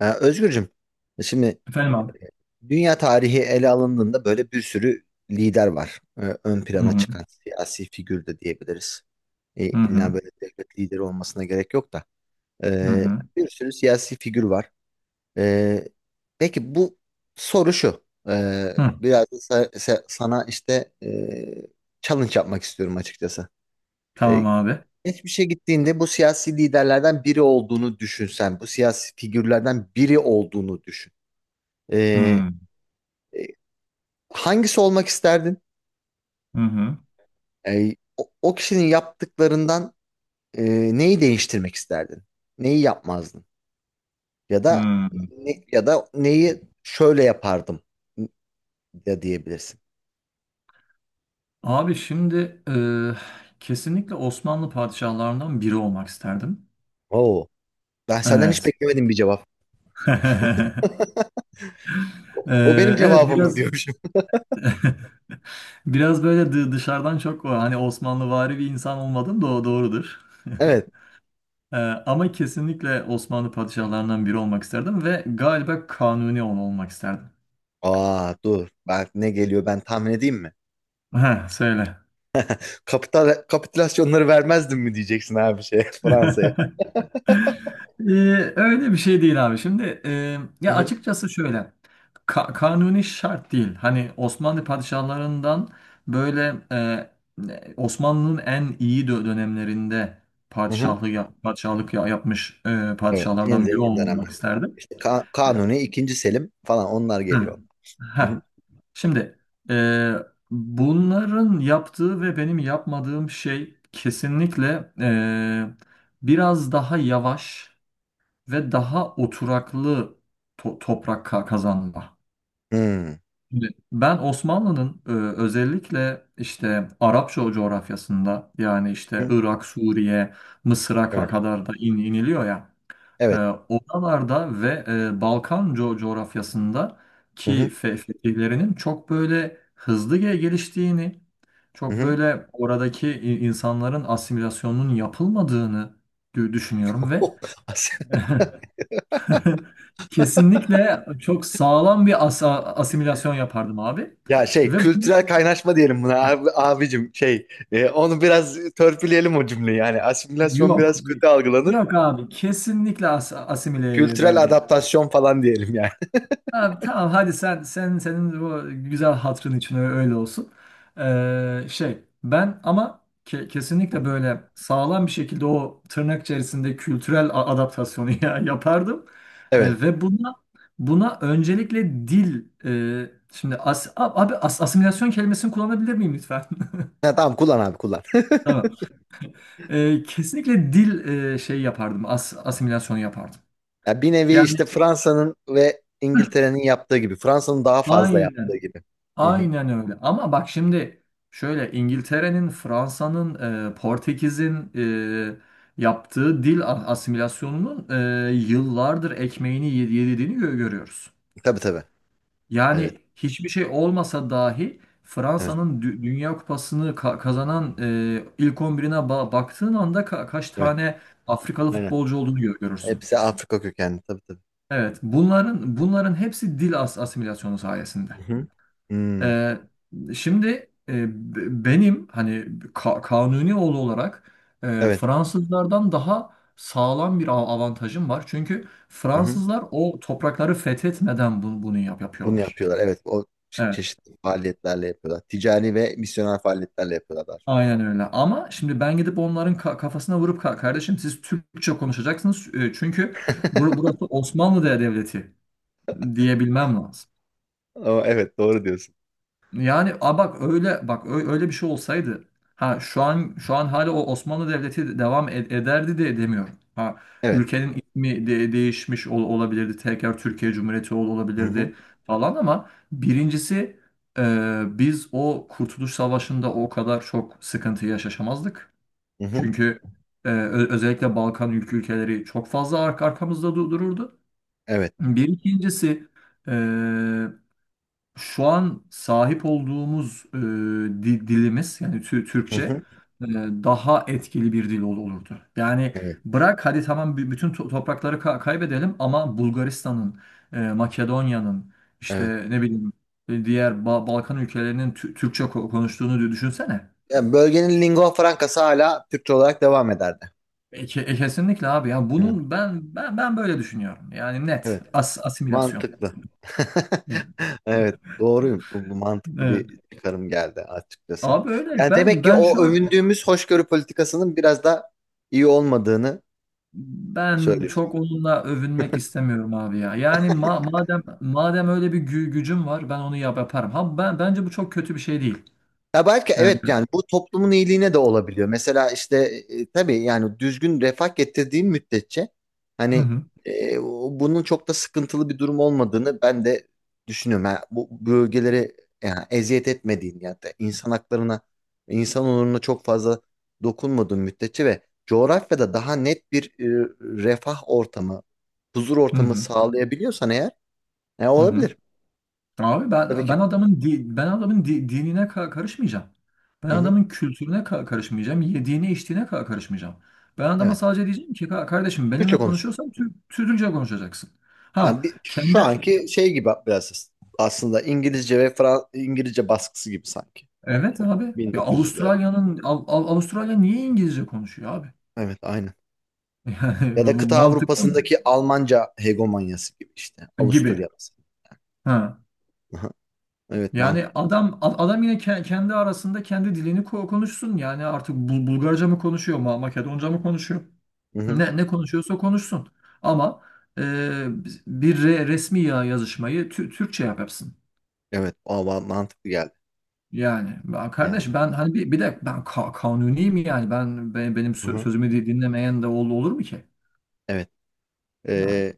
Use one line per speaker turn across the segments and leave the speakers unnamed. Özgürcüm, şimdi
Efendim abi.
dünya tarihi ele alındığında böyle bir sürü lider var. Ön
Hı
plana
hı.
çıkan siyasi figür de diyebiliriz.
Hı
İlla
hı.
böyle devlet lideri olmasına gerek yok da.
Hı
Ee,
hı.
Bir sürü siyasi figür var. Ee, peki bu soru şu.
Hı.
Biraz da sana işte challenge yapmak istiyorum açıkçası. Ee,
Tamam abi.
Geçmişe gittiğinde bu siyasi liderlerden biri olduğunu düşünsen, bu siyasi figürlerden biri olduğunu düşün. Ee,
Hı.
e, Hangisi olmak isterdin?
Hı hı.
E, o kişinin yaptıklarından e, neyi değiştirmek isterdin? Neyi yapmazdın? Ya da
Hı.
ya da neyi şöyle yapardım da diyebilirsin.
Abi şimdi kesinlikle Osmanlı padişahlarından biri olmak isterdim.
Oo, ben senden hiç
Evet.
beklemedim bir cevap. O
E,
o benim
evet
cevabımdı
biraz
diyormuşum.
biraz böyle dışarıdan çok o, hani Osmanlıvari bir insan olmadım da o doğrudur.
Evet.
E, Ama kesinlikle Osmanlı padişahlarından biri olmak isterdim ve galiba Kanuni olmak isterdim.
Aa, dur. Ben ne geliyor, ben tahmin edeyim mi?
Heh, söyle.
Kapitülasyonları vermezdim mi diyeceksin abi, şey Fransa'ya.
Ee, Öyle bir şey değil abi. Şimdi
Hı
ya
hı.
açıkçası şöyle kanuni şart değil. Hani Osmanlı padişahlarından böyle Osmanlı'nın en iyi dönemlerinde
Hı hı.
yapmış
Evet, en
padişahlardan biri
zengin
olmak
dönemlerde.
isterdim.
İşte
E,
Kanuni, ikinci Selim falan, onlar
hı.
geliyor. Hı hı.
Heh. Şimdi e, bunların yaptığı ve benim yapmadığım şey kesinlikle biraz daha yavaş ve daha oturaklı toprak kazanma.
Hmm.
Şimdi ben Osmanlı'nın özellikle işte Arap coğrafyasında yani
Hı
işte
hı.
Irak, Suriye, Mısır'a
Evet.
kadar da iniliyor ya, e,
Evet.
oralarda ve Balkan coğrafyasında
Hı
ki
hı.
fetihlerinin çok böyle hızlı geliştiğini,
Hı
çok
hı.
böyle oradaki insanların asimilasyonunun yapılmadığını düşünüyorum ve kesinlikle çok sağlam bir asimilasyon yapardım abi.
Ya şey,
Ve bu-
kültürel kaynaşma diyelim buna abi, abicim, şey onu biraz törpüleyelim o cümleyi, yani asimilasyon
Yok.
biraz kötü algılanır,
Yok abi. Kesinlikle asimile
kültürel
ederdim.
adaptasyon falan diyelim yani.
Abi tamam, hadi sen senin bu güzel hatırın için öyle olsun. Şey, ben ama kesinlikle böyle sağlam bir şekilde o tırnak içerisinde kültürel adaptasyonu ya yapardım.
Evet.
Ve buna öncelikle dil, şimdi abi asimilasyon kelimesini kullanabilir miyim lütfen?
Ya, tamam, kullan abi, kullan.
Tamam. Kesinlikle dil şey yapardım. Asimilasyonu yapardım.
Ya, bir nevi
Yani
işte Fransa'nın ve İngiltere'nin yaptığı gibi, Fransa'nın daha fazla yaptığı
aynen.
gibi. Hı hı.
Aynen öyle. Ama bak şimdi şöyle İngiltere'nin, Fransa'nın, Portekiz'in yaptığı dil asimilasyonunun yıllardır ekmeğini yediğini görüyoruz.
Tabii, tabii. Evet.
Yani hiçbir şey olmasa dahi
Evet.
Fransa'nın Dünya Kupası'nı kazanan ilk 11'ine baktığın anda kaç
Evet.
tane Afrikalı
Aynen.
futbolcu olduğunu görürsün.
Hepsi Afrika kökenli, tabii tabii.
Evet, bunların hepsi dil asimilasyonu sayesinde.
Hı hı. Hmm.
Ee, Şimdi e, benim hani kanuni oğlu olarak
Evet.
Fransızlardan daha sağlam bir avantajım var. Çünkü
Hı hı.
Fransızlar o toprakları fethetmeden bunu
Bunu
yapıyorlar.
yapıyorlar. Evet, o
Evet,
çeşitli faaliyetlerle yapıyorlar. Ticari ve misyoner faaliyetlerle yapıyorlar.
aynen öyle. Ama şimdi ben gidip onların kafasına vurup Kardeşim siz Türkçe konuşacaksınız. Çünkü burası Osmanlı Devleti" diyebilmem lazım.
Ama evet, doğru diyorsun.
Yani a bak öyle bak öyle bir şey olsaydı ha, şu an hala o Osmanlı Devleti devam ederdi de demiyorum. Ha,
Evet.
ülkenin ismi değişmiş olabilirdi. Tekrar Türkiye Cumhuriyeti
Hı hı.
olabilirdi falan ama birincisi biz o Kurtuluş Savaşı'nda o kadar çok sıkıntı yaşamazdık.
Hı hı.
Çünkü özellikle Balkan ülkeleri çok fazla arkamızda dururdu.
Evet.
Bir ikincisi, şu an sahip olduğumuz dilimiz yani
Hı
Türkçe
hı.
e, daha etkili bir dil olurdu. Yani
Evet.
bırak, hadi tamam bütün toprakları kaybedelim ama Bulgaristan'ın, Makedonya'nın
Evet.
işte, ne bileyim, diğer Balkan ülkelerinin Türkçe konuştuğunu düşünsene.
Yani bölgenin lingua francası hala Türkçe olarak devam ederdi.
Kesinlikle abi ya,
Evet.
bunun ben böyle düşünüyorum. Yani net
Evet.
asimilasyon.
Mantıklı.
Evet.
Evet. Doğruyum. Bu mantıklı
Evet.
bir çıkarım geldi açıkçası.
Abi öyle,
Yani demek
ben
ki
ben
o
şu an
övündüğümüz hoşgörü politikasının biraz da iyi olmadığını
ben
söylüyor.
çok onunla övünmek istemiyorum abi ya. Yani ma- madem öyle bir gücüm var, ben onu yaparım. Ha, ben bence bu çok kötü bir şey değil.
Ya belki,
Ee,
evet, yani bu toplumun iyiliğine de olabiliyor. Mesela işte tabii, yani düzgün refah getirdiğin müddetçe,
hı
hani
hı.
bunun çok da sıkıntılı bir durum olmadığını ben de düşünüyorum. Yani bu bölgeleri, yani eziyet etmediğin, yani de insan haklarına, insan onuruna çok fazla dokunmadığın müddetçe ve coğrafyada daha net bir refah ortamı, huzur
Hı
ortamı
hı.
sağlayabiliyorsan eğer
Hı hı.
olabilir.
Abi
Tabii
ben ben
ki.
adamın di- ben adamın dinine karışmayacağım. Ben
Hı hı.
adamın kültürüne karışmayacağım. Yediğine içtiğine karışmayacağım. Ben adama
Evet.
sadece diyeceğim ki Kardeşim
Türkçe
benimle
konuş.
konuşuyorsan Türkçe konuşacaksın."
Yani
Ha
bir, şu
kendi,
anki şey gibi biraz, aslında İngilizce ve İngilizce baskısı gibi sanki.
evet
O
abi ya,
1900'lerde.
Avustralya'nın Avustralya niye İngilizce konuşuyor abi?
Evet, aynen.
Yani
Ya
bu
da kıta
mantıklı mı?
Avrupa'sındaki Almanca hegemonyası gibi işte.
Gibi.
Avusturya mesela.
Ha.
Aha, evet,
Yani
mantıklı.
adam adam yine kendi arasında kendi dilini konuşsun. Yani artık Bulgarca mı konuşuyor, Makedonca mı konuşuyor?
Hı-hı.
Ne ne konuşuyorsa konuşsun. Ama e, bir resmi yazışmayı Türkçe yapsın.
Evet, o mantıklı geldi
Yani ben,
yani.
kardeş, ben hani bir de ben kanuniyim, yani ben, benim
Hı-hı.
sözümü dinlemeyen de olur mu ki?
Evet.
Yani.
Ee,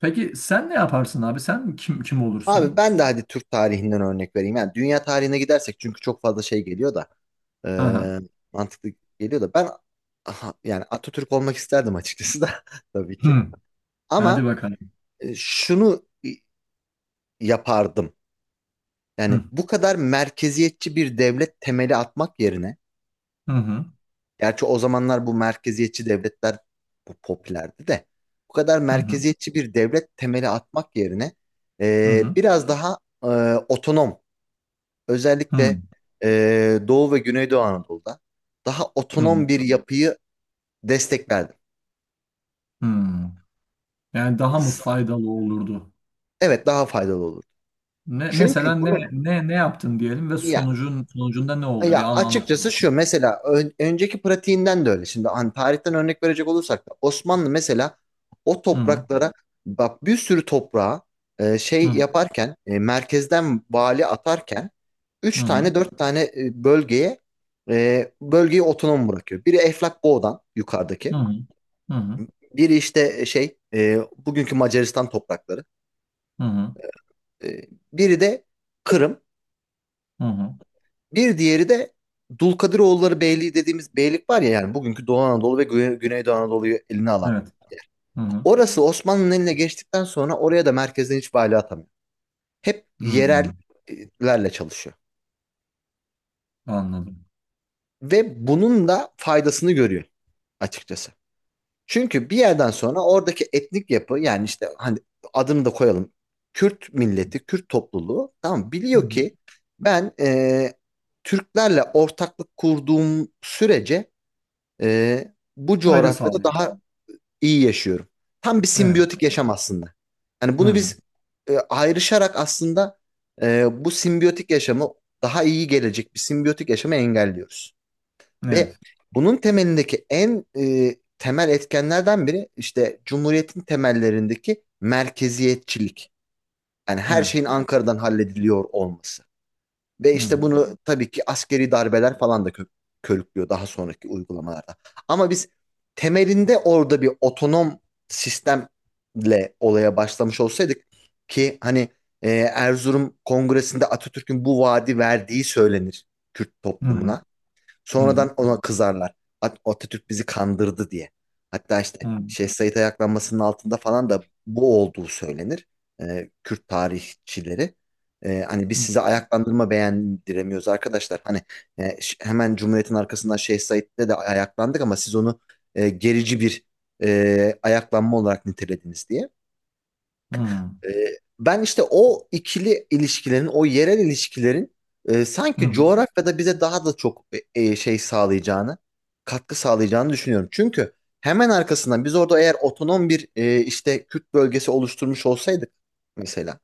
Peki sen ne yaparsın abi? Sen kim
Abi,
olursun?
ben de hadi Türk tarihinden örnek vereyim. Yani dünya tarihine gidersek, çünkü çok fazla şey geliyor da
Aha.
ee, mantıklı geliyor da, ben, aha, yani Atatürk olmak isterdim açıkçası da, tabii ki.
Hı. Hadi
Ama
bakalım.
şunu yapardım. Yani
Hı.
bu kadar merkeziyetçi bir devlet temeli atmak yerine,
Hı hı.
gerçi o zamanlar bu merkeziyetçi devletler bu popülerdi de, bu kadar
Hı hı.
merkeziyetçi bir devlet temeli atmak yerine
Hı hı.
biraz daha e, otonom,
Hı
özellikle Doğu ve Güneydoğu Anadolu'da daha
hı.
otonom bir yapıyı desteklerdim.
Hı. Yani daha mı faydalı olurdu?
Evet, daha faydalı olur.
Ne
Çünkü
mesela, ne
bunu,
ne ne yaptın diyelim ve
ya,
sonucunda ne oldu?
ya
Bir anlat.
açıkçası şu: mesela önceki pratiğinden de öyle. Şimdi hani tarihten örnek verecek olursak da, Osmanlı mesela o
Hı hı.
topraklara, bak, bir sürü toprağa
Hı
şey
hı.
yaparken, merkezden vali atarken,
Hı
üç
hı.
tane 4 tane bölgeye, bölgeyi otonom bırakıyor. Biri Eflak Boğdan,
Hı
yukarıdaki.
hı. Hı hı.
Biri işte şey, bugünkü Macaristan toprakları.
Hı hı.
E, Biri de Kırım.
Hı hı.
Bir diğeri de Dulkadiroğulları Beyliği dediğimiz beylik var ya, yani bugünkü Doğu Anadolu ve Güneydoğu Anadolu'yu eline alan.
Evet. Hı hı.
Orası Osmanlı'nın eline geçtikten sonra oraya da merkezden hiç vali atamıyor. Hep
Hı hı.
yerellerle çalışıyor.
Anladım.
Ve bunun da faydasını görüyor açıkçası. Çünkü bir yerden sonra oradaki etnik yapı, yani işte, hani, adını da koyalım: Kürt milleti, Kürt topluluğu, tamam mı,
Hı
biliyor
hı.
ki, ben Türklerle ortaklık kurduğum sürece e, bu
Fayda
coğrafyada
sağlıyor.
daha iyi yaşıyorum. Tam bir
Evet.
simbiyotik yaşam aslında. Yani
Hı
bunu
hı.
biz ayrışarak, aslında bu simbiyotik yaşamı, daha iyi gelecek bir simbiyotik yaşamı engelliyoruz. Ve
Evet.
bunun temelindeki en temel etkenlerden biri işte Cumhuriyet'in temellerindeki merkeziyetçilik. Yani her şeyin
Evet.
Ankara'dan hallediliyor olması. Ve
Hı hı.
işte bunu tabii ki askeri darbeler falan da körüklüyor daha sonraki uygulamalarda. Ama biz temelinde orada bir otonom sistemle olaya başlamış olsaydık, ki hani Erzurum Kongresi'nde Atatürk'ün bu vaadi verdiği söylenir Kürt
Hı hı.
toplumuna.
Hı hı.
Sonradan ona kızarlar. Atatürk bizi kandırdı diye. Hatta
Hı
işte
hı.
Şeyh Said ayaklanmasının altında falan da bu olduğu söylenir. Kürt tarihçileri. Hani biz size ayaklandırma beğendiremiyoruz arkadaşlar. Hani hemen Cumhuriyet'in arkasından Şeyh Said'le de ayaklandık ama siz onu gerici bir ayaklanma olarak nitelediniz diye.
Hı hı.
Ee, Ben işte o ikili ilişkilerin, o yerel ilişkilerin
Hı
sanki
hı.
coğrafyada bize daha da çok e, e, şey sağlayacağını, katkı sağlayacağını düşünüyorum. Çünkü hemen arkasından biz orada eğer otonom bir işte Kürt bölgesi oluşturmuş olsaydık mesela,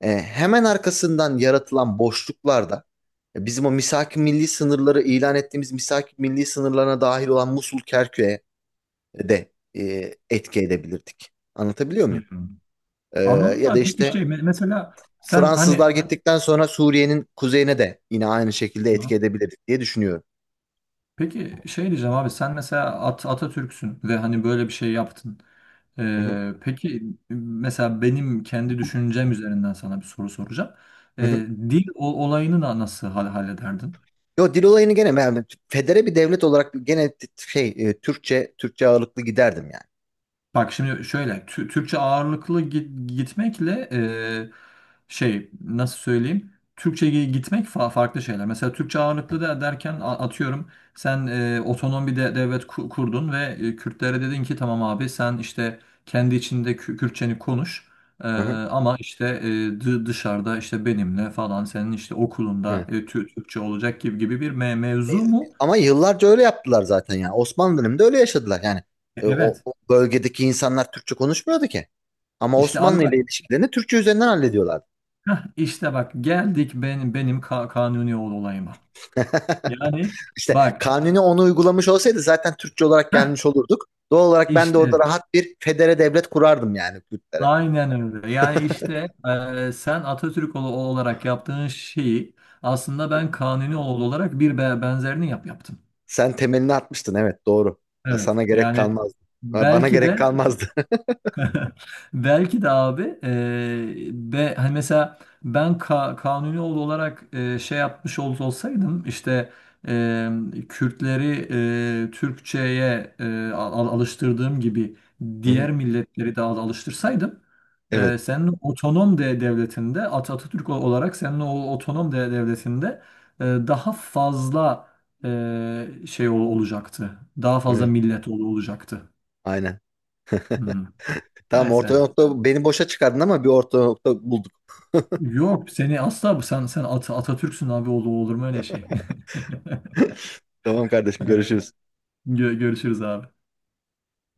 hemen arkasından yaratılan boşluklarda bizim o misaki milli sınırları ilan ettiğimiz misaki milli sınırlarına dahil olan Musul Kerkük'e de etki edebilirdik. Anlatabiliyor
Hı
muyum?
hı.
Ee,
Anladım,
Ya
da
da
peki
işte
şey, mesela sen hani,
Fransızlar gittikten sonra Suriye'nin kuzeyine de yine aynı şekilde etki edebilir diye düşünüyorum.
peki şey diyeceğim abi, sen mesela Atatürk'sün ve hani böyle bir şey yaptın.
Hı hı,
Peki, mesela benim kendi düşüncem üzerinden sana bir soru soracağım.
hı hı.
Dil olayını da nasıl hallederdin?
Yo, dil olayını gene yani, federe bir devlet olarak, gene şey, Türkçe ağırlıklı giderdim yani.
Bak şimdi şöyle, Türkçe ağırlıklı gitmekle şey, nasıl söyleyeyim, Türkçe gitmek farklı şeyler. Mesela Türkçe ağırlıklı da derken atıyorum, sen otonom bir devlet kurdun ve Kürtlere dedin ki tamam abi, sen işte kendi içinde Kürtçeni konuş. E,
Hı hı,
Ama işte dışarıda işte benimle falan, senin işte okulunda
evet.
Türkçe olacak, gibi bir mevzu mu?
Ama yıllarca öyle yaptılar zaten yani. Osmanlı döneminde öyle yaşadılar yani. O,
Evet.
o bölgedeki insanlar Türkçe konuşmuyordu ki. Ama
İşte abi
Osmanlı ile
bak,
ilişkilerini Türkçe üzerinden hallediyorlardı.
heh, işte bak, geldik benim kanuni olayıma. Yani
İşte
bak,
Kanuni onu uygulamış olsaydı zaten Türkçe olarak
heh,
gelmiş olurduk. Doğal olarak ben de
işte
orada rahat bir federe devlet kurardım yani Kürtlere.
aynen öyle. Yani işte sen Atatürk olarak yaptığın şeyi aslında ben kanuni olarak bir benzerini yaptım.
Sen temelini atmıştın, evet, doğru.
Evet.
Sana gerek
Yani
kalmazdı. Bana
belki
gerek
de
kalmazdı.
belki de abi, hani mesela ben kanuni oğlu olarak, şey yapmış olsaydım işte eee, Kürtleri Türkçe'ye alıştırdığım gibi
Hı hı,
diğer milletleri de alıştırsaydım,
evet.
senin otonom devletinde, Atatürk olarak senin o otonom devletinde daha fazla şey olacaktı. Daha fazla
Evet.
millet olacaktı.
Aynen.
Hı hı.
Tamam, orta
Neyse.
nokta, beni boşa çıkardın ama bir orta nokta bulduk.
Yok, seni asla, bu, sen Atatürk'sün abi, olur mu öyle şey?
Tamam kardeşim,
Evet,
görüşürüz.
görüşürüz abi.